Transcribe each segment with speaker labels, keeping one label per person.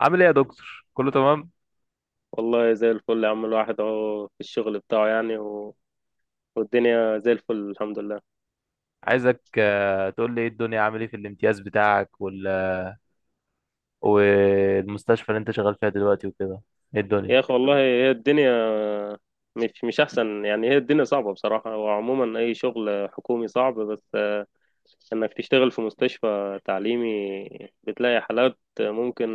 Speaker 1: عامل ايه يا دكتور؟ كله تمام؟
Speaker 2: والله زي الفل يا عم، الواحد اهو في الشغل بتاعه يعني والدنيا زي الفل الحمد لله.
Speaker 1: عايزك تقول لي ايه الدنيا، عامل ايه في الامتياز بتاعك والمستشفى اللي انت شغال فيها دلوقتي وكده. ايه الدنيا؟
Speaker 2: يا اخي والله هي الدنيا مش احسن يعني، هي الدنيا صعبة بصراحة، وعموما اي شغل حكومي صعب، بس انك تشتغل في مستشفى تعليمي بتلاقي حالات ممكن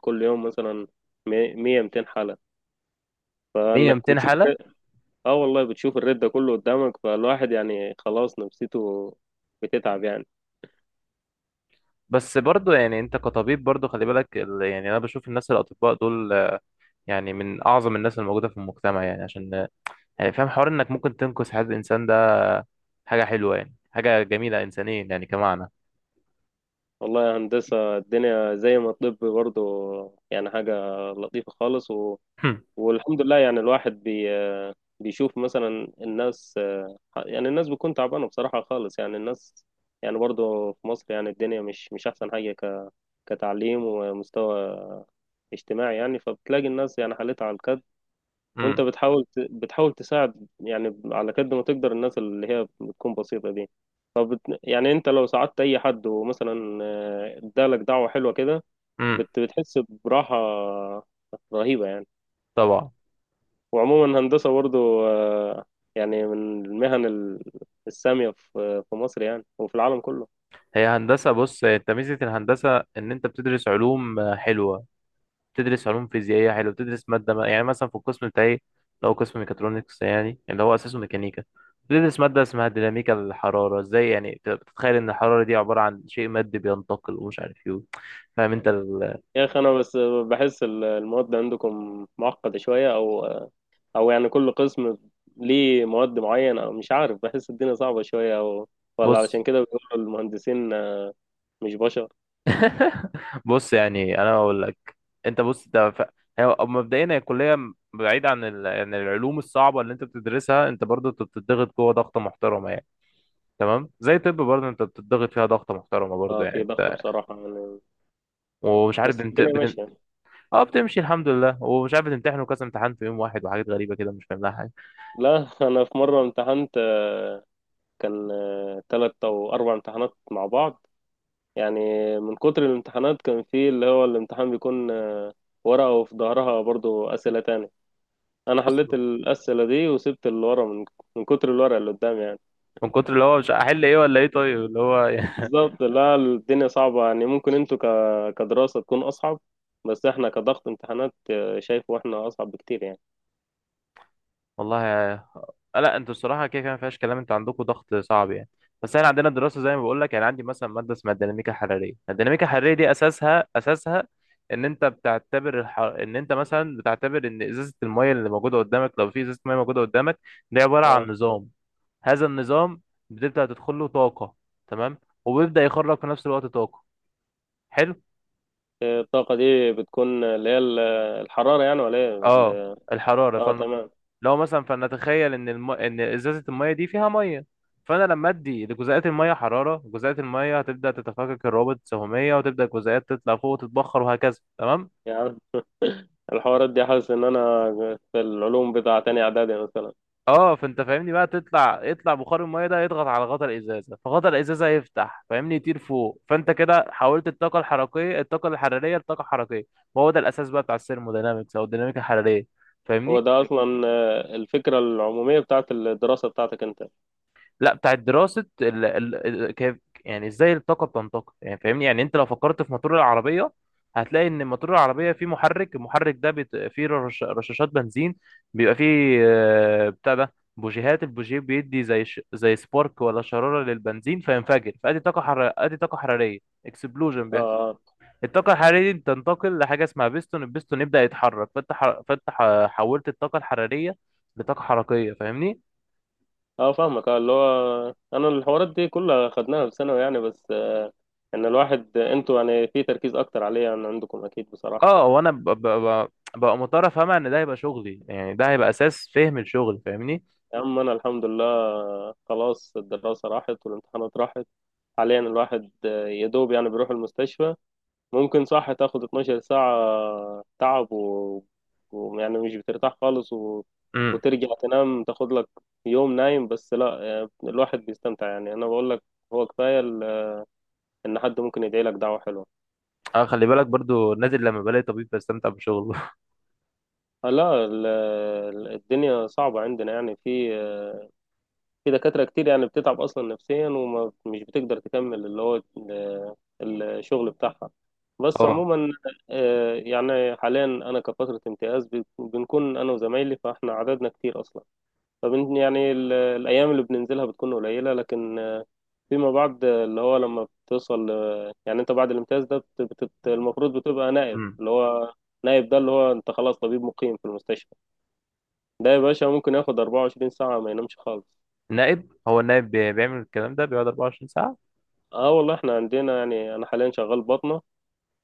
Speaker 2: كل يوم مثلا 100 200 حالة،
Speaker 1: 100
Speaker 2: فانك
Speaker 1: 200
Speaker 2: بتشوف.
Speaker 1: حالة.
Speaker 2: اه والله بتشوف الرد ده كله قدامك، فالواحد يعني خلاص نفسيته بتتعب يعني.
Speaker 1: بس برضو يعني انت كطبيب برضو خلي بالك يعني انا بشوف الناس الاطباء دول يعني من اعظم الناس الموجودة في المجتمع، يعني عشان يعني فاهم حوار انك ممكن تنقذ حياة الانسان ده. حاجة حلوة، يعني حاجة جميلة انسانيا يعني كمعنى.
Speaker 2: والله يا هندسة الدنيا زي ما الطب برضه يعني حاجة لطيفة خالص والحمد لله، يعني الواحد بيشوف مثلا الناس، يعني الناس بتكون تعبانة بصراحة خالص، يعني الناس يعني برضه في مصر يعني الدنيا مش أحسن حاجة كتعليم ومستوى اجتماعي يعني، فبتلاقي الناس يعني حالتها على الكد. وانت
Speaker 1: امم.
Speaker 2: بتحاول تساعد يعني على قد ما تقدر، الناس اللي هي بتكون بسيطة دي، يعني انت لو ساعدت اي حد ومثلا ادالك دعوة حلوة كده،
Speaker 1: امم.
Speaker 2: بتحس براحة رهيبة يعني.
Speaker 1: طبعا.
Speaker 2: وعموما هندسة برضو يعني من المهن السامية في مصر يعني وفي العالم كله.
Speaker 1: هي هندسة، بص انت ميزة الهندسة ان انت بتدرس علوم حلوة. بتدرس علوم فيزيائية حلو، بتدرس مادة، ما يعني مثلا في القسم بتاعي لو قسم ميكاترونكس يعني اللي هو أساسه ميكانيكا، بتدرس مادة اسمها ديناميكا الحرارة. ازاي يعني بتتخيل إن الحرارة دي عبارة عن شيء مادي بينتقل ومش عارف ايه. فاهم انت
Speaker 2: يا اخي انا بس بحس المواد عندكم معقدة شوية، او او يعني كل قسم ليه مواد معينة، او مش عارف بحس الدنيا صعبة شوية، او ولا
Speaker 1: بص.
Speaker 2: علشان كده بيقولوا المهندسين مش بشر.
Speaker 1: بص يعني أنا بقول لك، انت بص، ده هي مبدئيا هي الكلية، بعيد عن عن العلوم الصعبة اللي انت بتدرسها، انت برضه انت بتضغط جوه ضغطة محترمة يعني. تمام، زي طب برضه انت بتضغط فيها ضغطة محترمة برضه
Speaker 2: اه
Speaker 1: يعني
Speaker 2: في ضغط
Speaker 1: انت.
Speaker 2: بصراحة يعني،
Speaker 1: ومش عارف
Speaker 2: بس الدنيا
Speaker 1: بتمتحن.
Speaker 2: ماشية.
Speaker 1: اه، بتمشي الحمد لله، ومش عارف بتمتحن وكذا امتحان في يوم واحد، وحاجات غريبه كده مش فاهم لها حاجه
Speaker 2: لا انا في مرة امتحنت كان تلات او اربع امتحانات مع بعض يعني، من كتر الامتحانات كان في اللي هو الامتحان بيكون ورقة وفي ظهرها برضو اسئلة تانية. انا
Speaker 1: اصلا.
Speaker 2: حليت الاسئلة دي وسبت اللي ورا، من كتر الورقة اللي قدامي يعني.
Speaker 1: من كتر اللي هو، مش هحل ايه ولا ايه؟ طيب اللي هو يعني...
Speaker 2: بالظبط، لا الدنيا صعبة يعني، ممكن انتوا كدراسة تكون أصعب، بس احنا كضغط امتحانات شايفه احنا أصعب بكتير يعني.
Speaker 1: والله لا، انتوا الصراحه كده كده ما فيهاش كلام، انتوا عندكم ضغط صعب يعني. بس احنا عندنا دراسه زي ما بقول لك، يعني عندي مثلا ماده اسمها الديناميكا الحراريه. الديناميكا الحراريه دي اساسها ان انت مثلا بتعتبر ان ازازه الميه اللي موجوده قدامك، لو في ازازه ميه موجوده قدامك، دي عباره عن
Speaker 2: اه
Speaker 1: نظام. هذا النظام بتبدا تدخل له طاقه، تمام؟ وبيبدا يخرج في نفس الوقت طاقه، حلو.
Speaker 2: الطاقة دي بتكون اللي هي الحرارة يعني، ولا ايه
Speaker 1: اه الحراره
Speaker 2: اه تمام.
Speaker 1: لو مثلا فلنتخيل ان ازازه الميه دي فيها ميه. فانا لما ادي لجزيئات الميه حراره، جزيئات الميه هتبدا تتفكك الروابط السهميه، وتبدا الجزيئات تطلع فوق وتتبخر وهكذا، تمام.
Speaker 2: يعني الحوارات دي حاسس ان انا في العلوم بتاع تاني اعدادي مثلا.
Speaker 1: اه، فانت فاهمني بقى، يطلع بخار الميه ده يضغط على غطا الازازه، فغطا الازازه يفتح، فاهمني، يطير فوق. فانت كده حولت الطاقه الحراريه لطاقه حركيه. وهو ده الاساس بقى بتاع الثيرموداينامكس او الديناميكا الحراريه،
Speaker 2: هو
Speaker 1: فاهمني؟
Speaker 2: ده اصلا الفكرة العمومية بتاعت الدراسة بتاعتك انت؟ اه.
Speaker 1: لا، بتاعت دراسة كيف، يعني ازاي الطاقة بتنتقل، يعني فاهمني. يعني انت لو فكرت في موتور العربية، هتلاقي ان موتور العربية فيه محرك. المحرك ده فيه رشاشات بنزين، بيبقى فيه بتاع ده بوجيهات. البوجيه بيدي زي سبارك ولا شرارة للبنزين، فينفجر ادي طاقة حرارية. اكسبلوجن بيحصل.
Speaker 2: آه.
Speaker 1: الطاقة الحرارية دي بتنتقل لحاجة اسمها بيستون. البيستون يبدأ يتحرك، حولت الطاقة الحرارية لطاقة حركية، فاهمني؟
Speaker 2: اه فاهمك، اه اللي هو انا الحوارات دي كلها خدناها في ثانوي يعني، بس ان الواحد انتوا يعني في تركيز اكتر عليه عن عندكم اكيد بصراحه.
Speaker 1: اه، وانا ببقى مضطر افهمها ان ده هيبقى شغلي، يعني ده هيبقى اساس فهم الشغل، فاهمني؟
Speaker 2: يا عم انا الحمد لله خلاص الدراسه راحت والامتحانات راحت. حاليا الواحد يا دوب يعني بيروح المستشفى، ممكن صح تاخد 12 ساعه تعب ويعني مش بترتاح خالص
Speaker 1: امم.
Speaker 2: وترجع تنام تاخد لك يوم نايم، بس لا الواحد بيستمتع يعني. انا بقول لك هو كفايه ان حد ممكن يدعي لك دعوه حلوه.
Speaker 1: اه، خلي بالك برضو نازل لما بلاقي طبيب بستمتع بشغله.
Speaker 2: لا الدنيا صعبة عندنا يعني، في في دكاترة كتير يعني بتتعب أصلا نفسيا، ومش بتقدر تكمل اللي هو الشغل بتاعها. بس
Speaker 1: اه.
Speaker 2: عموما يعني حاليا أنا كفترة امتياز، بنكون أنا وزمايلي فإحنا عددنا كتير أصلا، فبن يعني الأيام اللي بننزلها بتكون قليلة، لكن فيما بعد اللي هو لما بتوصل يعني أنت بعد الامتياز ده المفروض بتبقى نائب،
Speaker 1: امم.
Speaker 2: اللي هو نائب ده اللي هو أنت خلاص طبيب مقيم في المستشفى. ده يا باشا ممكن ياخد 24 ساعة ما ينامش خالص.
Speaker 1: نائب؟ هو النائب بيعمل الكلام ده بيقعد 24 ساعة؟
Speaker 2: اه والله احنا عندنا يعني انا حاليا شغال بطنة.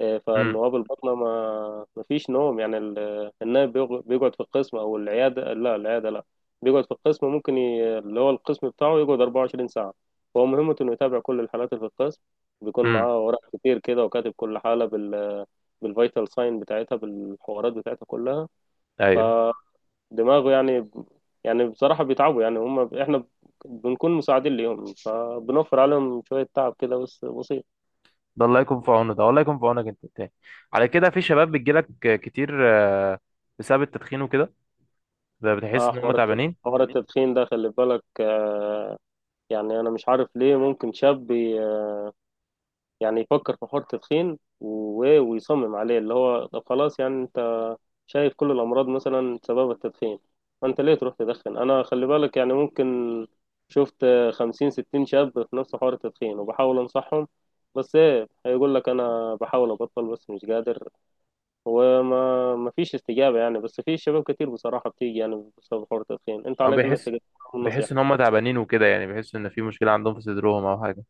Speaker 2: اه،
Speaker 1: امم.
Speaker 2: فالنواب البطنة ما فيش نوم، يعني النائب بيقعد في القسم او العيادة، لا العيادة لا، بيقعد في القسم، ممكن اللي هو القسم بتاعه يقعد 24 ساعة. فهو مهمته انه يتابع كل الحالات اللي في القسم، بيكون
Speaker 1: امم.
Speaker 2: معاه ورق كتير كده، وكاتب كل حالة بالفيتال ساين بتاعتها بالحوارات بتاعتها كلها،
Speaker 1: ايوه.
Speaker 2: دماغه يعني. يعني بصراحة بيتعبوا يعني هم، احنا بنكون مساعدين ليهم فبنوفر عليهم شوية تعب كده بس بسيط.
Speaker 1: ده الله يكون في عونه، ده والله يكون في عونك انت التاني. على كده في شباب بتجيلك كتير بسبب التدخين وكده، بتحس
Speaker 2: اه
Speaker 1: ان هم تعبانين؟
Speaker 2: حوار التدخين ده خلي بالك آه. يعني انا مش عارف ليه ممكن شاب يعني يفكر في حوار التدخين ويصمم عليه، اللي هو طب خلاص يعني انت شايف كل الأمراض مثلا سبب التدخين، فأنت ليه تروح تدخن؟ أنا خلي بالك يعني ممكن شفت 50 60 شاب في نفس حوار التدخين، وبحاول أنصحهم، بس إيه هيقول لك أنا بحاول أبطل بس مش قادر، وما ما فيش استجابة يعني. بس في شباب كتير بصراحة بتيجي يعني بسبب حوار التدخين، أنت
Speaker 1: او
Speaker 2: عليك إنك تقدم
Speaker 1: بيحس ان
Speaker 2: نصيحة.
Speaker 1: هم تعبانين وكده، يعني بيحس ان في مشكلة عندهم في صدرهم او حاجة.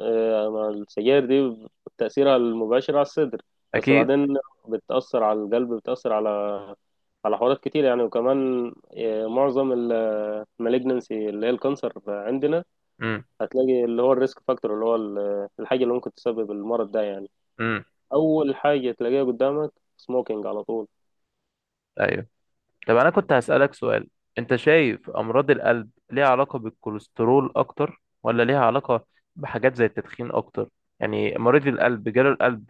Speaker 2: السجاير دي تأثيرها المباشر على الصدر، بس
Speaker 1: اكيد.
Speaker 2: بعدين بتأثر على القلب، بتأثر على حوارات كتير يعني، وكمان معظم مالجنسي اللي هي الكانسر عندنا
Speaker 1: امم.
Speaker 2: هتلاقي اللي هو الريسك فاكتور، اللي هو الحاجة اللي ممكن تسبب المرض ده يعني،
Speaker 1: امم.
Speaker 2: أول حاجة تلاقيها قدامك سموكينج على طول.
Speaker 1: ايوه. طب انا كنت هسألك سؤال، انت شايف امراض القلب ليها علاقة بالكوليسترول اكتر، ولا ليها علاقة بحاجات زي التدخين اكتر؟ يعني مريض القلب جاله القلب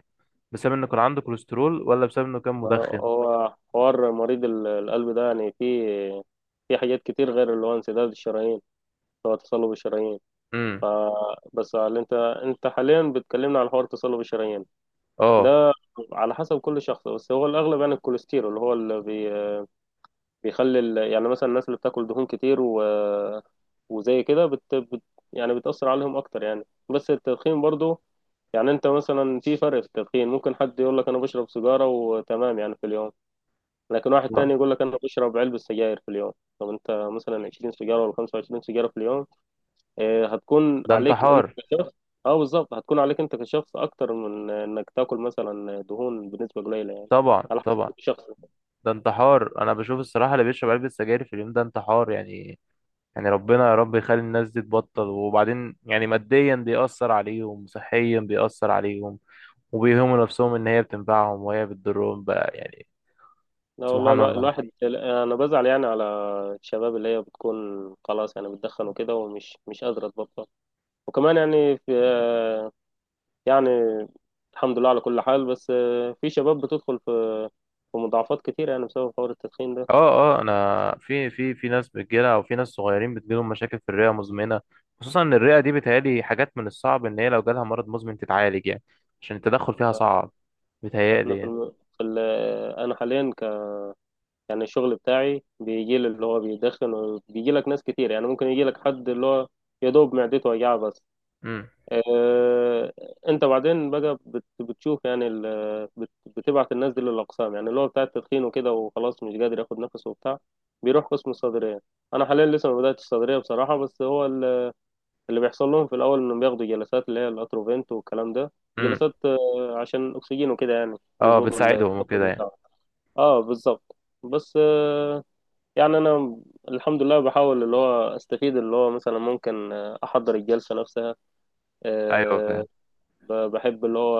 Speaker 1: بسبب انه كان عنده كوليسترول، ولا بسبب انه كان مدخن؟
Speaker 2: هو حوار مريض القلب ده يعني فيه، في حاجات كتير غير اللي هو انسداد الشرايين، اللي هو تصلب الشرايين.
Speaker 1: امم.
Speaker 2: بس اللي انت، انت حاليا بتكلمنا على حوار تصلب الشرايين
Speaker 1: اه.
Speaker 2: ده، على حسب كل شخص، بس هو الأغلب يعني الكوليسترول، اللي هو بيخلي يعني مثلا الناس اللي بتاكل دهون كتير وزي كده يعني بتأثر عليهم أكتر يعني. بس التدخين برضو، يعني أنت مثلا في فرق في التدخين، ممكن حد يقول لك أنا بشرب سيجارة وتمام يعني في اليوم، لكن واحد تاني
Speaker 1: آه.
Speaker 2: يقول لك أنا بشرب علبة سجاير في اليوم. طب أنت مثلا 20 سيجارة ولا 25 سيجارة في اليوم، هتكون
Speaker 1: ده
Speaker 2: عليك أنت
Speaker 1: انتحار.
Speaker 2: كشخص. أه بالظبط، هتكون عليك أنت كشخص أكتر من إنك تاكل مثلا دهون بنسبة قليلة يعني.
Speaker 1: طبعا
Speaker 2: على حسب
Speaker 1: طبعا.
Speaker 2: كل شخص.
Speaker 1: ده انتحار، انا بشوف الصراحة اللي بيشرب علبة سجاير في اليوم ده انتحار يعني. يعني ربنا، يا رب يخلي الناس دي تبطل. وبعدين يعني ماديا بيأثر عليهم، صحيا بيأثر عليهم، وبيهموا نفسهم ان هي بتنفعهم وهي بتضرهم بقى يعني.
Speaker 2: لا والله
Speaker 1: سبحان الله.
Speaker 2: الواحد انا بزعل يعني على الشباب اللي هي بتكون خلاص يعني بتدخن وكده، ومش مش قادره تبطل. وكمان يعني في، يعني الحمد لله على كل حال، بس في شباب بتدخل في مضاعفات كتير يعني بسبب حوار التدخين ده.
Speaker 1: اه، اه، انا في ناس بتجيلها، او في ناس صغيرين بتجيلهم مشاكل في الرئه مزمنه، خصوصا ان الرئه دي بتهيألي حاجات من الصعب ان هي لو جالها مرض مزمن تتعالج، يعني عشان التدخل فيها صعب،
Speaker 2: احنا
Speaker 1: بتهيألي
Speaker 2: في,
Speaker 1: يعني.
Speaker 2: الم... في ال... آه، انا حاليا يعني الشغل بتاعي بيجي لي اللي هو بيدخن، وبيجي لك ناس كتير يعني، ممكن يجي لك حد اللي هو يا دوب معدته وجعه بس.
Speaker 1: امم.
Speaker 2: آه، انت بعدين بقى بتشوف يعني بتبعت الناس دي للاقسام، يعني اللي هو بتاع التدخين وكده، وخلاص مش قادر ياخد نفسه وبتاع، بيروح قسم الصدريه. انا حاليا لسه ما بداتش الصدريه بصراحه، بس هو اللي بيحصل لهم في الاول انهم بياخدوا جلسات اللي هي الاتروفنت والكلام ده،
Speaker 1: امم.
Speaker 2: جلسات عشان اكسجين وكده يعني،
Speaker 1: اه،
Speaker 2: يظبطوا
Speaker 1: بتساعدهم
Speaker 2: التنفس
Speaker 1: وكده يعني.
Speaker 2: بتاعهم. اه بالظبط. بس يعني انا الحمد لله بحاول اللي هو استفيد، اللي هو مثلا ممكن احضر الجلسه نفسها.
Speaker 1: ايوه،
Speaker 2: آه،
Speaker 1: فاهم.
Speaker 2: بحب اللي هو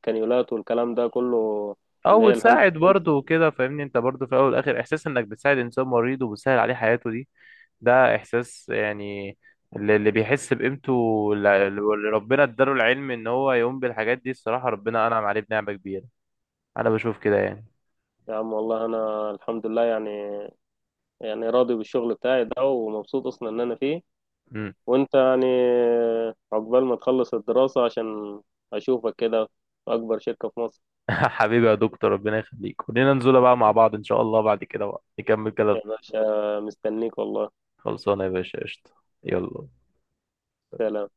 Speaker 2: الكانيولات والكلام ده كله، اللي
Speaker 1: او
Speaker 2: هي الهاند
Speaker 1: بتساعد
Speaker 2: سيلز.
Speaker 1: برضه وكده، فاهمني؟ انت برضه في الاول والاخر احساس انك بتساعد انسان مريض وبتسهل عليه حياته دي، ده احساس يعني. اللي بيحس بقيمته، اللي ربنا اداله العلم ان هو يقوم بالحاجات دي، الصراحة ربنا انعم عليه بنعمة كبيرة، انا بشوف كده يعني.
Speaker 2: يا عم والله انا الحمد لله يعني، يعني راضي بالشغل بتاعي ده ومبسوط اصلا ان انا فيه.
Speaker 1: امم.
Speaker 2: وانت يعني عقبال ما تخلص الدراسة عشان اشوفك كده في اكبر شركة في مصر.
Speaker 1: حبيبي يا دكتور، ربنا يخليك. خلينا ننزل بقى مع بعض ان شاء الله، بعد كده بقى نكمل كلام.
Speaker 2: يا باشا مستنيك والله.
Speaker 1: خلصانه يا باشا، قشطة. يلا.
Speaker 2: سلام.